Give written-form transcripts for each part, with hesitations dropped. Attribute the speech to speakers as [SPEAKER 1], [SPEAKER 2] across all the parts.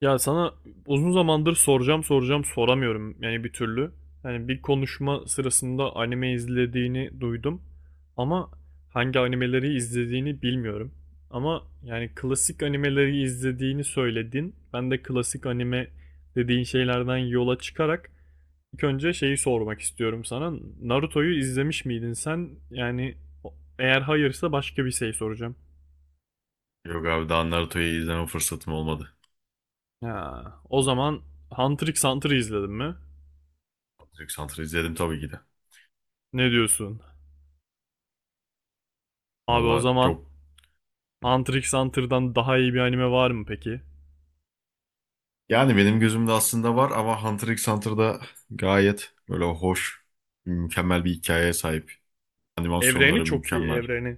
[SPEAKER 1] Ya sana uzun zamandır soracağım soramıyorum yani bir türlü. Yani bir konuşma sırasında anime izlediğini duydum ama hangi animeleri izlediğini bilmiyorum. Ama yani klasik animeleri izlediğini söyledin. Ben de klasik anime dediğin şeylerden yola çıkarak ilk önce şeyi sormak istiyorum sana. Naruto'yu izlemiş miydin sen? Yani o- eğer hayırsa başka bir şey soracağım.
[SPEAKER 2] Yok abi daha Naruto'yu izleme fırsatım olmadı.
[SPEAKER 1] Ha, o zaman Hunter x Hunter'ı izledin mi?
[SPEAKER 2] Hunter x Hunter'ı izledim tabii ki de.
[SPEAKER 1] Ne diyorsun? Abi o
[SPEAKER 2] Valla
[SPEAKER 1] zaman
[SPEAKER 2] çok
[SPEAKER 1] Hunter x Hunter'dan daha iyi bir anime var mı peki?
[SPEAKER 2] yani benim gözümde aslında var ama Hunter x Hunter'da gayet böyle hoş, mükemmel bir hikayeye sahip.
[SPEAKER 1] Evreni
[SPEAKER 2] Animasyonları
[SPEAKER 1] çok iyi,
[SPEAKER 2] mükemmel.
[SPEAKER 1] evreni.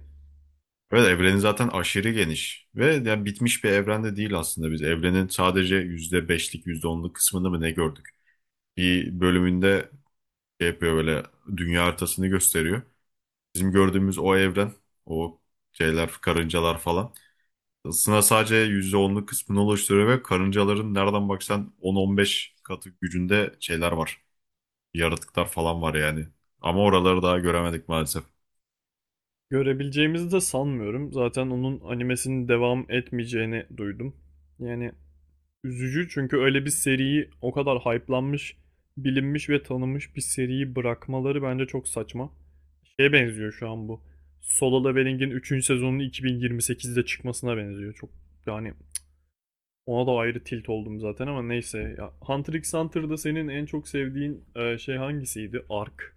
[SPEAKER 2] Evet evreni zaten aşırı geniş ve yani bitmiş bir evrende değil aslında biz. Evrenin sadece yüzde beşlik yüzde onluk kısmını mı ne gördük? Bir bölümünde şey yapıyor böyle, dünya haritasını gösteriyor. Bizim gördüğümüz o evren, o şeyler, karıncalar falan. Isına sadece %10'luk kısmını oluşturuyor ve karıncaların nereden baksan 10-15 katı gücünde şeyler var. Yaratıklar falan var yani. Ama oraları daha göremedik maalesef.
[SPEAKER 1] Görebileceğimizi de sanmıyorum. Zaten onun animesinin devam etmeyeceğini duydum. Yani üzücü, çünkü öyle bir seriyi, o kadar hype'lanmış, bilinmiş ve tanınmış bir seriyi bırakmaları bence çok saçma. Şeye benziyor şu an bu. Solo Leveling'in üçüncü sezonunun 2028'de çıkmasına benziyor. Çok, yani ona da ayrı tilt oldum zaten, ama neyse. Ya, Hunter x Hunter'da senin en çok sevdiğin şey hangisiydi? Ark.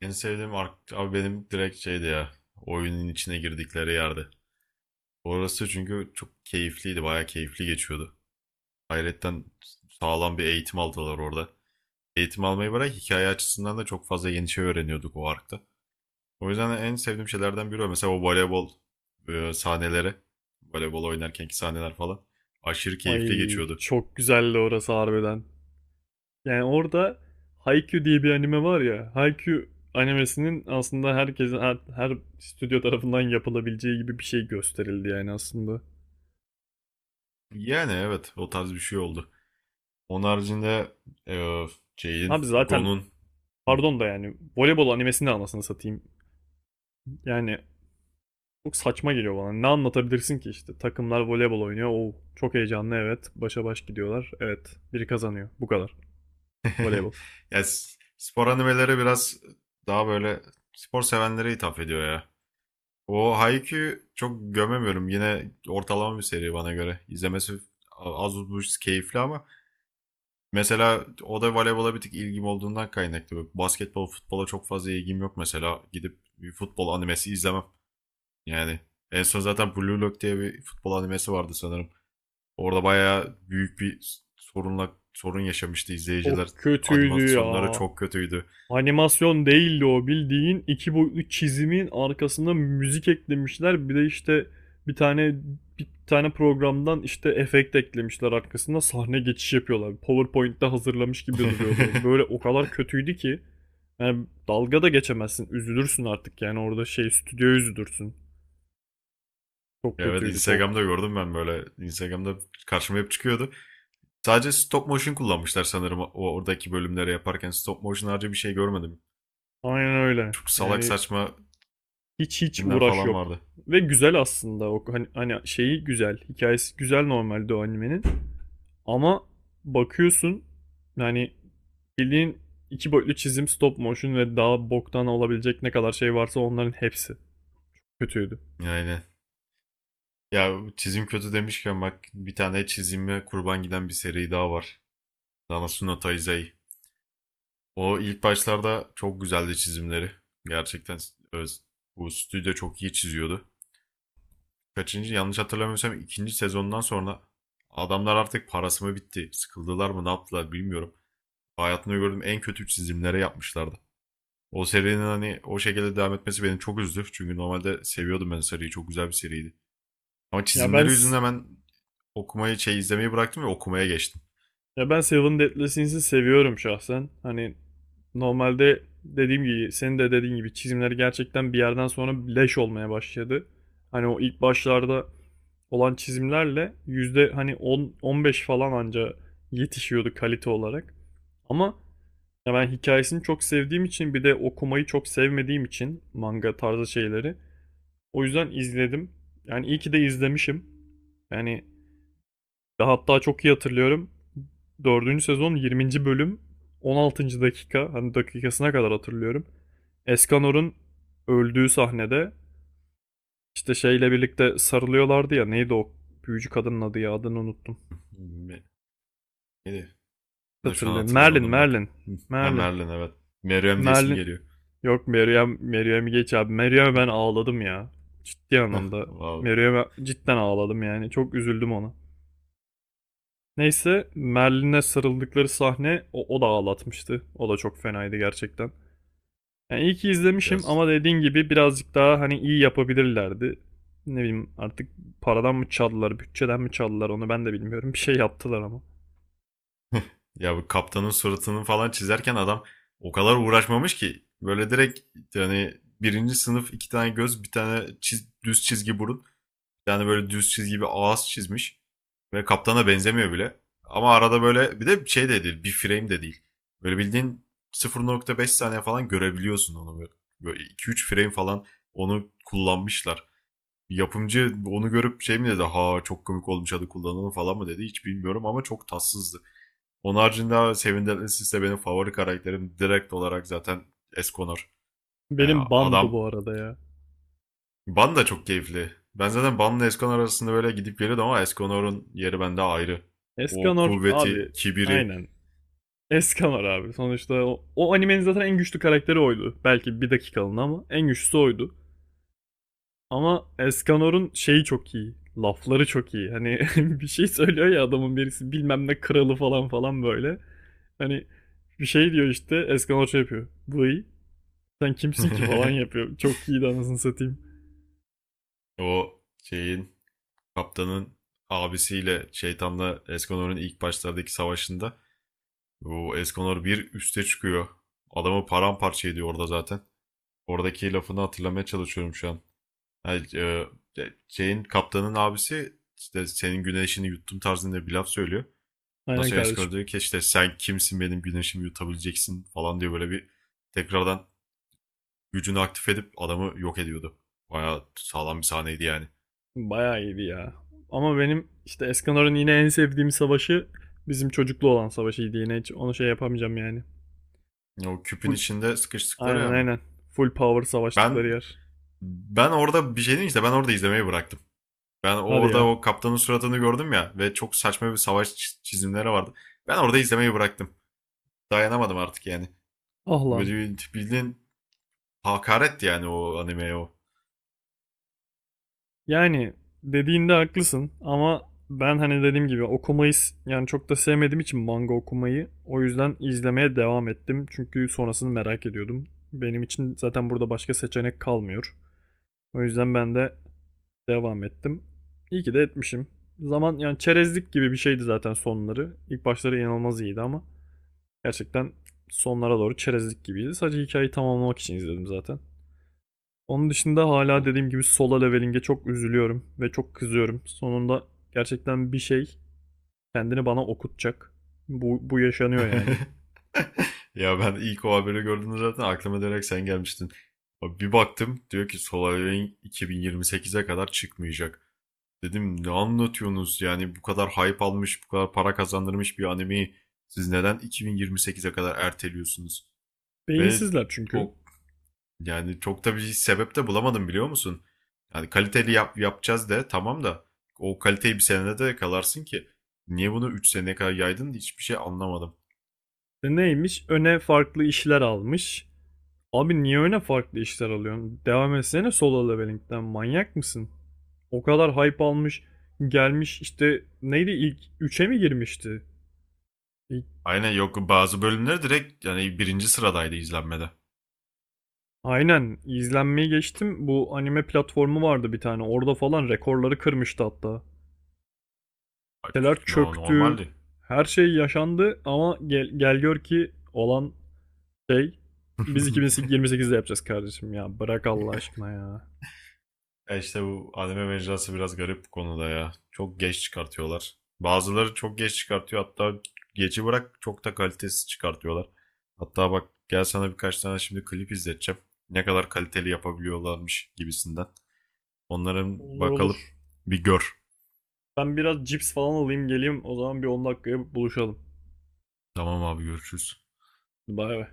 [SPEAKER 2] En sevdiğim ark abi benim direkt şeydi ya. Oyunun içine girdikleri yerde. Orası çünkü çok keyifliydi. Bayağı keyifli geçiyordu. Hayretten sağlam bir eğitim aldılar orada. Eğitim almayı bırak, hikaye açısından da çok fazla yeni şey öğreniyorduk o arkta. O yüzden de en sevdiğim şeylerden biri o. Mesela o voleybol sahneleri. Voleybol oynarkenki sahneler falan. Aşırı keyifli
[SPEAKER 1] Ay,
[SPEAKER 2] geçiyordu.
[SPEAKER 1] çok güzeldi orası harbiden. Yani orada Haikyuu diye bir anime var ya. Haikyuu animesinin aslında herkesin, her stüdyo tarafından yapılabileceği gibi bir şey gösterildi yani aslında.
[SPEAKER 2] Yani evet, o tarz bir şey oldu. Onun haricinde e, şeyin,
[SPEAKER 1] Abi zaten,
[SPEAKER 2] Gon'un Hı.
[SPEAKER 1] pardon da, yani voleybol animesini de anasını satayım. Yani çok saçma geliyor bana. Ne anlatabilirsin ki işte? Takımlar voleybol oynuyor. Oo, çok heyecanlı, evet. Başa baş gidiyorlar. Evet. Biri kazanıyor. Bu kadar. Voleybol.
[SPEAKER 2] Ya, spor animeleri biraz daha böyle spor sevenlere hitap ediyor ya. O Haikyuu çok gömemiyorum. Yine ortalama bir seri bana göre. İzlemesi az buz keyifli ama mesela o da voleybola bir tık ilgim olduğundan kaynaklı. Bak, basketbol, futbola çok fazla ilgim yok mesela. Gidip bir futbol animesi izlemem. Yani en son zaten Blue Lock diye bir futbol animesi vardı sanırım. Orada bayağı büyük bir sorunla sorun yaşamıştı
[SPEAKER 1] O
[SPEAKER 2] izleyiciler.
[SPEAKER 1] kötüydü
[SPEAKER 2] Animasyonları
[SPEAKER 1] ya.
[SPEAKER 2] çok kötüydü.
[SPEAKER 1] Animasyon değildi o. Bildiğin iki boyutlu çizimin arkasında müzik eklemişler. Bir de işte bir tane bir tane programdan işte efekt eklemişler arkasında, sahne geçiş yapıyorlar. PowerPoint'te hazırlamış gibi duruyordu. Böyle o kadar kötüydü ki. Yani dalga da geçemezsin. Üzülürsün artık, yani orada şey, stüdyo, üzülürsün. Çok
[SPEAKER 2] Ya evet,
[SPEAKER 1] kötüydü,
[SPEAKER 2] Instagram'da
[SPEAKER 1] çok.
[SPEAKER 2] gördüm ben böyle. Instagram'da karşıma hep çıkıyordu. Sadece stop motion kullanmışlar sanırım o oradaki bölümleri yaparken. Stop motion harcı bir şey görmedim.
[SPEAKER 1] Aynen öyle.
[SPEAKER 2] Çok salak
[SPEAKER 1] Yani
[SPEAKER 2] saçma
[SPEAKER 1] hiç
[SPEAKER 2] filmler
[SPEAKER 1] uğraş
[SPEAKER 2] falan
[SPEAKER 1] yok.
[SPEAKER 2] vardı.
[SPEAKER 1] Ve güzel aslında o, hani şeyi güzel. Hikayesi güzel normalde o animenin. Ama bakıyorsun, yani bildiğin iki boyutlu çizim, stop motion ve daha boktan olabilecek ne kadar şey varsa onların hepsi kötüydü.
[SPEAKER 2] Yani ya, çizim kötü demişken bak, bir tane çizime kurban giden bir seri daha var. Nanatsu no Taizai. O ilk başlarda çok güzeldi çizimleri. Gerçekten öz, bu stüdyo çok iyi çiziyordu. Kaçıncı, yanlış hatırlamıyorsam ikinci sezondan sonra adamlar artık parası mı bitti, sıkıldılar mı, ne yaptılar bilmiyorum. Hayatımda gördüğüm en kötü çizimlere yapmışlardı. O serinin hani o şekilde devam etmesi beni çok üzdü. Çünkü normalde seviyordum ben seriyi. Çok güzel bir seriydi. Ama
[SPEAKER 1] Ya ben
[SPEAKER 2] çizimleri yüzünden ben okumayı, şey izlemeyi bıraktım ve okumaya geçtim.
[SPEAKER 1] ya ben Seven Deadly Sins'i seviyorum şahsen. Hani normalde dediğim gibi, senin de dediğin gibi, çizimleri gerçekten bir yerden sonra leş olmaya başladı. Hani o ilk başlarda olan çizimlerle yüzde hani 10 15 falan anca yetişiyordu kalite olarak. Ama ya, ben hikayesini çok sevdiğim için, bir de okumayı çok sevmediğim için manga tarzı şeyleri. O yüzden izledim. Yani iyi ki de izlemişim. Yani ve hatta çok iyi hatırlıyorum. Dördüncü sezon 20. bölüm 16. dakika, hani dakikasına kadar hatırlıyorum. Escanor'un öldüğü sahnede işte şeyle birlikte sarılıyorlardı ya, neydi o büyücü kadının adı ya, adını unuttum.
[SPEAKER 2] Hmm, neydi? Ben de şu an
[SPEAKER 1] Hatırlıyorum. Merlin,
[SPEAKER 2] hatırlayamadım bak.
[SPEAKER 1] Merlin.
[SPEAKER 2] Ha,
[SPEAKER 1] Merlin.
[SPEAKER 2] Merlin, evet. Meryem diye isim
[SPEAKER 1] Merlin.
[SPEAKER 2] geliyor.
[SPEAKER 1] Yok Meryem, Meryem'i geç abi. Meryem'e ben ağladım ya. Ciddi anlamda.
[SPEAKER 2] Wow.
[SPEAKER 1] Meryem'e cidden ağladım yani. Çok üzüldüm ona. Neyse, Merlin'e sarıldıkları sahne o da ağlatmıştı. O da çok fenaydı gerçekten. Yani iyi ki izlemişim,
[SPEAKER 2] Biraz
[SPEAKER 1] ama dediğin gibi birazcık daha hani iyi yapabilirlerdi. Ne bileyim artık, paradan mı çaldılar, bütçeden mi çaldılar, onu ben de bilmiyorum. Bir şey yaptılar ama.
[SPEAKER 2] ya, bu kaptanın suratını falan çizerken adam o kadar uğraşmamış ki böyle direkt, yani birinci sınıf, iki tane göz, bir tane düz çizgi burun, yani böyle düz çizgi bir ağız çizmiş ve kaptana benzemiyor bile. Ama arada böyle, bir de şey de değil, bir frame de değil. Böyle bildiğin sıfır nokta beş saniye falan görebiliyorsun onu böyle. Böyle 2-3 frame falan onu kullanmışlar. Yapımcı onu görüp şey mi dedi, ha çok komik olmuş hadi kullanalım falan mı dedi, hiç bilmiyorum ama çok tatsızdı. Onun haricinde Sevindirlis benim favori karakterim direkt olarak, zaten Esconor. Yani
[SPEAKER 1] Benim bandı
[SPEAKER 2] adam
[SPEAKER 1] bu arada ya.
[SPEAKER 2] Ban da çok keyifli. Ben zaten Ban'la Esconor arasında böyle gidip geliyordum ama Esconor'un yeri bende ayrı. O
[SPEAKER 1] Eskanor abi,
[SPEAKER 2] kuvveti, kibiri,
[SPEAKER 1] aynen, Eskamar abi. Sonuçta o animenin zaten en güçlü karakteri oydu. Belki bir dakikalığına ama en güçlüsü oydu. Ama Eskanor'un şeyi çok iyi. Lafları çok iyi. Hani bir şey söylüyor ya, adamın birisi bilmem ne kralı falan falan böyle. Hani bir şey diyor işte, Eskanor şey yapıyor. Vıy, sen kimsin ki falan yapıyor. Çok iyiydi anasını satayım.
[SPEAKER 2] o şeyin, kaptanın abisiyle, şeytanla Esconor'un ilk başlardaki savaşında bu Esconor bir üste çıkıyor. Adamı paramparça ediyor orada zaten. Oradaki lafını hatırlamaya çalışıyorum şu an. Hani, şeyin kaptanın abisi işte senin güneşini yuttum tarzında bir laf söylüyor. Ondan
[SPEAKER 1] Aynen
[SPEAKER 2] sonra Eskor
[SPEAKER 1] kardeşim.
[SPEAKER 2] diyor ki işte sen kimsin benim güneşimi yutabileceksin falan diye, böyle bir tekrardan gücünü aktif edip adamı yok ediyordu. Bayağı sağlam bir sahneydi yani.
[SPEAKER 1] Bayağı iyiydi ya. Ama benim işte Eskanor'un yine en sevdiğim savaşı bizim çocuklu olan savaşıydı yine. Hiç onu şey yapamayacağım yani.
[SPEAKER 2] O küpün
[SPEAKER 1] Bu
[SPEAKER 2] içinde sıkıştıkları
[SPEAKER 1] Aynen,
[SPEAKER 2] yani.
[SPEAKER 1] aynen. Full power savaştıkları
[SPEAKER 2] Ben
[SPEAKER 1] yer.
[SPEAKER 2] ben orada bir şey diyeyim, işte ben orada izlemeyi bıraktım. Ben
[SPEAKER 1] Hadi
[SPEAKER 2] orada
[SPEAKER 1] ya.
[SPEAKER 2] o kaptanın suratını gördüm ya ve çok saçma bir savaş çizimleri vardı. Ben orada izlemeyi bıraktım. Dayanamadım artık yani.
[SPEAKER 1] Ah lan.
[SPEAKER 2] Böyle bildiğin, hakaret yani o animeye o.
[SPEAKER 1] Yani dediğinde haklısın ama ben, hani dediğim gibi, okumayı yani çok da sevmediğim için manga okumayı, o yüzden izlemeye devam ettim. Çünkü sonrasını merak ediyordum. Benim için zaten burada başka seçenek kalmıyor. O yüzden ben de devam ettim. İyi ki de etmişim. Zaman, yani çerezlik gibi bir şeydi zaten sonları. İlk başları inanılmaz iyiydi ama gerçekten sonlara doğru çerezlik gibiydi. Sadece hikayeyi tamamlamak için izledim zaten. Onun dışında hala
[SPEAKER 2] Olur.
[SPEAKER 1] dediğim gibi Solo Leveling'e çok üzülüyorum ve çok kızıyorum. Sonunda gerçekten bir şey kendini bana okutacak. Bu yaşanıyor yani.
[SPEAKER 2] Ya ben ilk o haberi gördüğümde zaten aklıma direkt sen gelmiştin. Abi bir baktım diyor ki Solar Wing 2028'e kadar çıkmayacak. Dedim ne anlatıyorsunuz, yani bu kadar hype almış, bu kadar para kazandırmış bir animeyi siz neden 2028'e kadar erteliyorsunuz? Ve
[SPEAKER 1] Beyinsizler çünkü.
[SPEAKER 2] o, yani çok da bir sebep de bulamadım, biliyor musun? Yani kaliteli yap, yapacağız de, tamam da o kaliteyi bir senede de yakalarsın ki. Niye bunu 3 seneye kadar yaydın, hiçbir şey anlamadım.
[SPEAKER 1] E, neymiş? Öne farklı işler almış. Abi niye öne farklı işler alıyorsun? Devam etsene Solo Leveling'den. Manyak mısın? O kadar hype almış. Gelmiş işte, neydi, ilk üçe mi girmişti? İlk-
[SPEAKER 2] Aynen, yok bazı bölümler direkt yani birinci sıradaydı izlenmede.
[SPEAKER 1] Aynen, izlenmeyi geçtim. Bu anime platformu vardı bir tane. Orada falan rekorları kırmıştı hatta.
[SPEAKER 2] Ay,
[SPEAKER 1] Siteler çöktü.
[SPEAKER 2] normaldi.
[SPEAKER 1] Her şey yaşandı ama gel, gör ki olan şey, biz 2028'de yapacağız kardeşim ya. Bırak Allah aşkına ya.
[SPEAKER 2] E işte bu anime mecrası biraz garip bu konuda ya. Çok geç çıkartıyorlar. Bazıları çok geç çıkartıyor. Hatta geçi bırak, çok da kalitesiz çıkartıyorlar. Hatta bak, gel sana birkaç tane şimdi klip izleteceğim. Ne kadar kaliteli yapabiliyorlarmış gibisinden. Onların
[SPEAKER 1] Olur,
[SPEAKER 2] bakalım
[SPEAKER 1] olur.
[SPEAKER 2] bir gör.
[SPEAKER 1] Ben biraz cips falan alayım geleyim. O zaman bir 10 dakikaya buluşalım.
[SPEAKER 2] Tamam abi, görüşürüz.
[SPEAKER 1] Bay bay.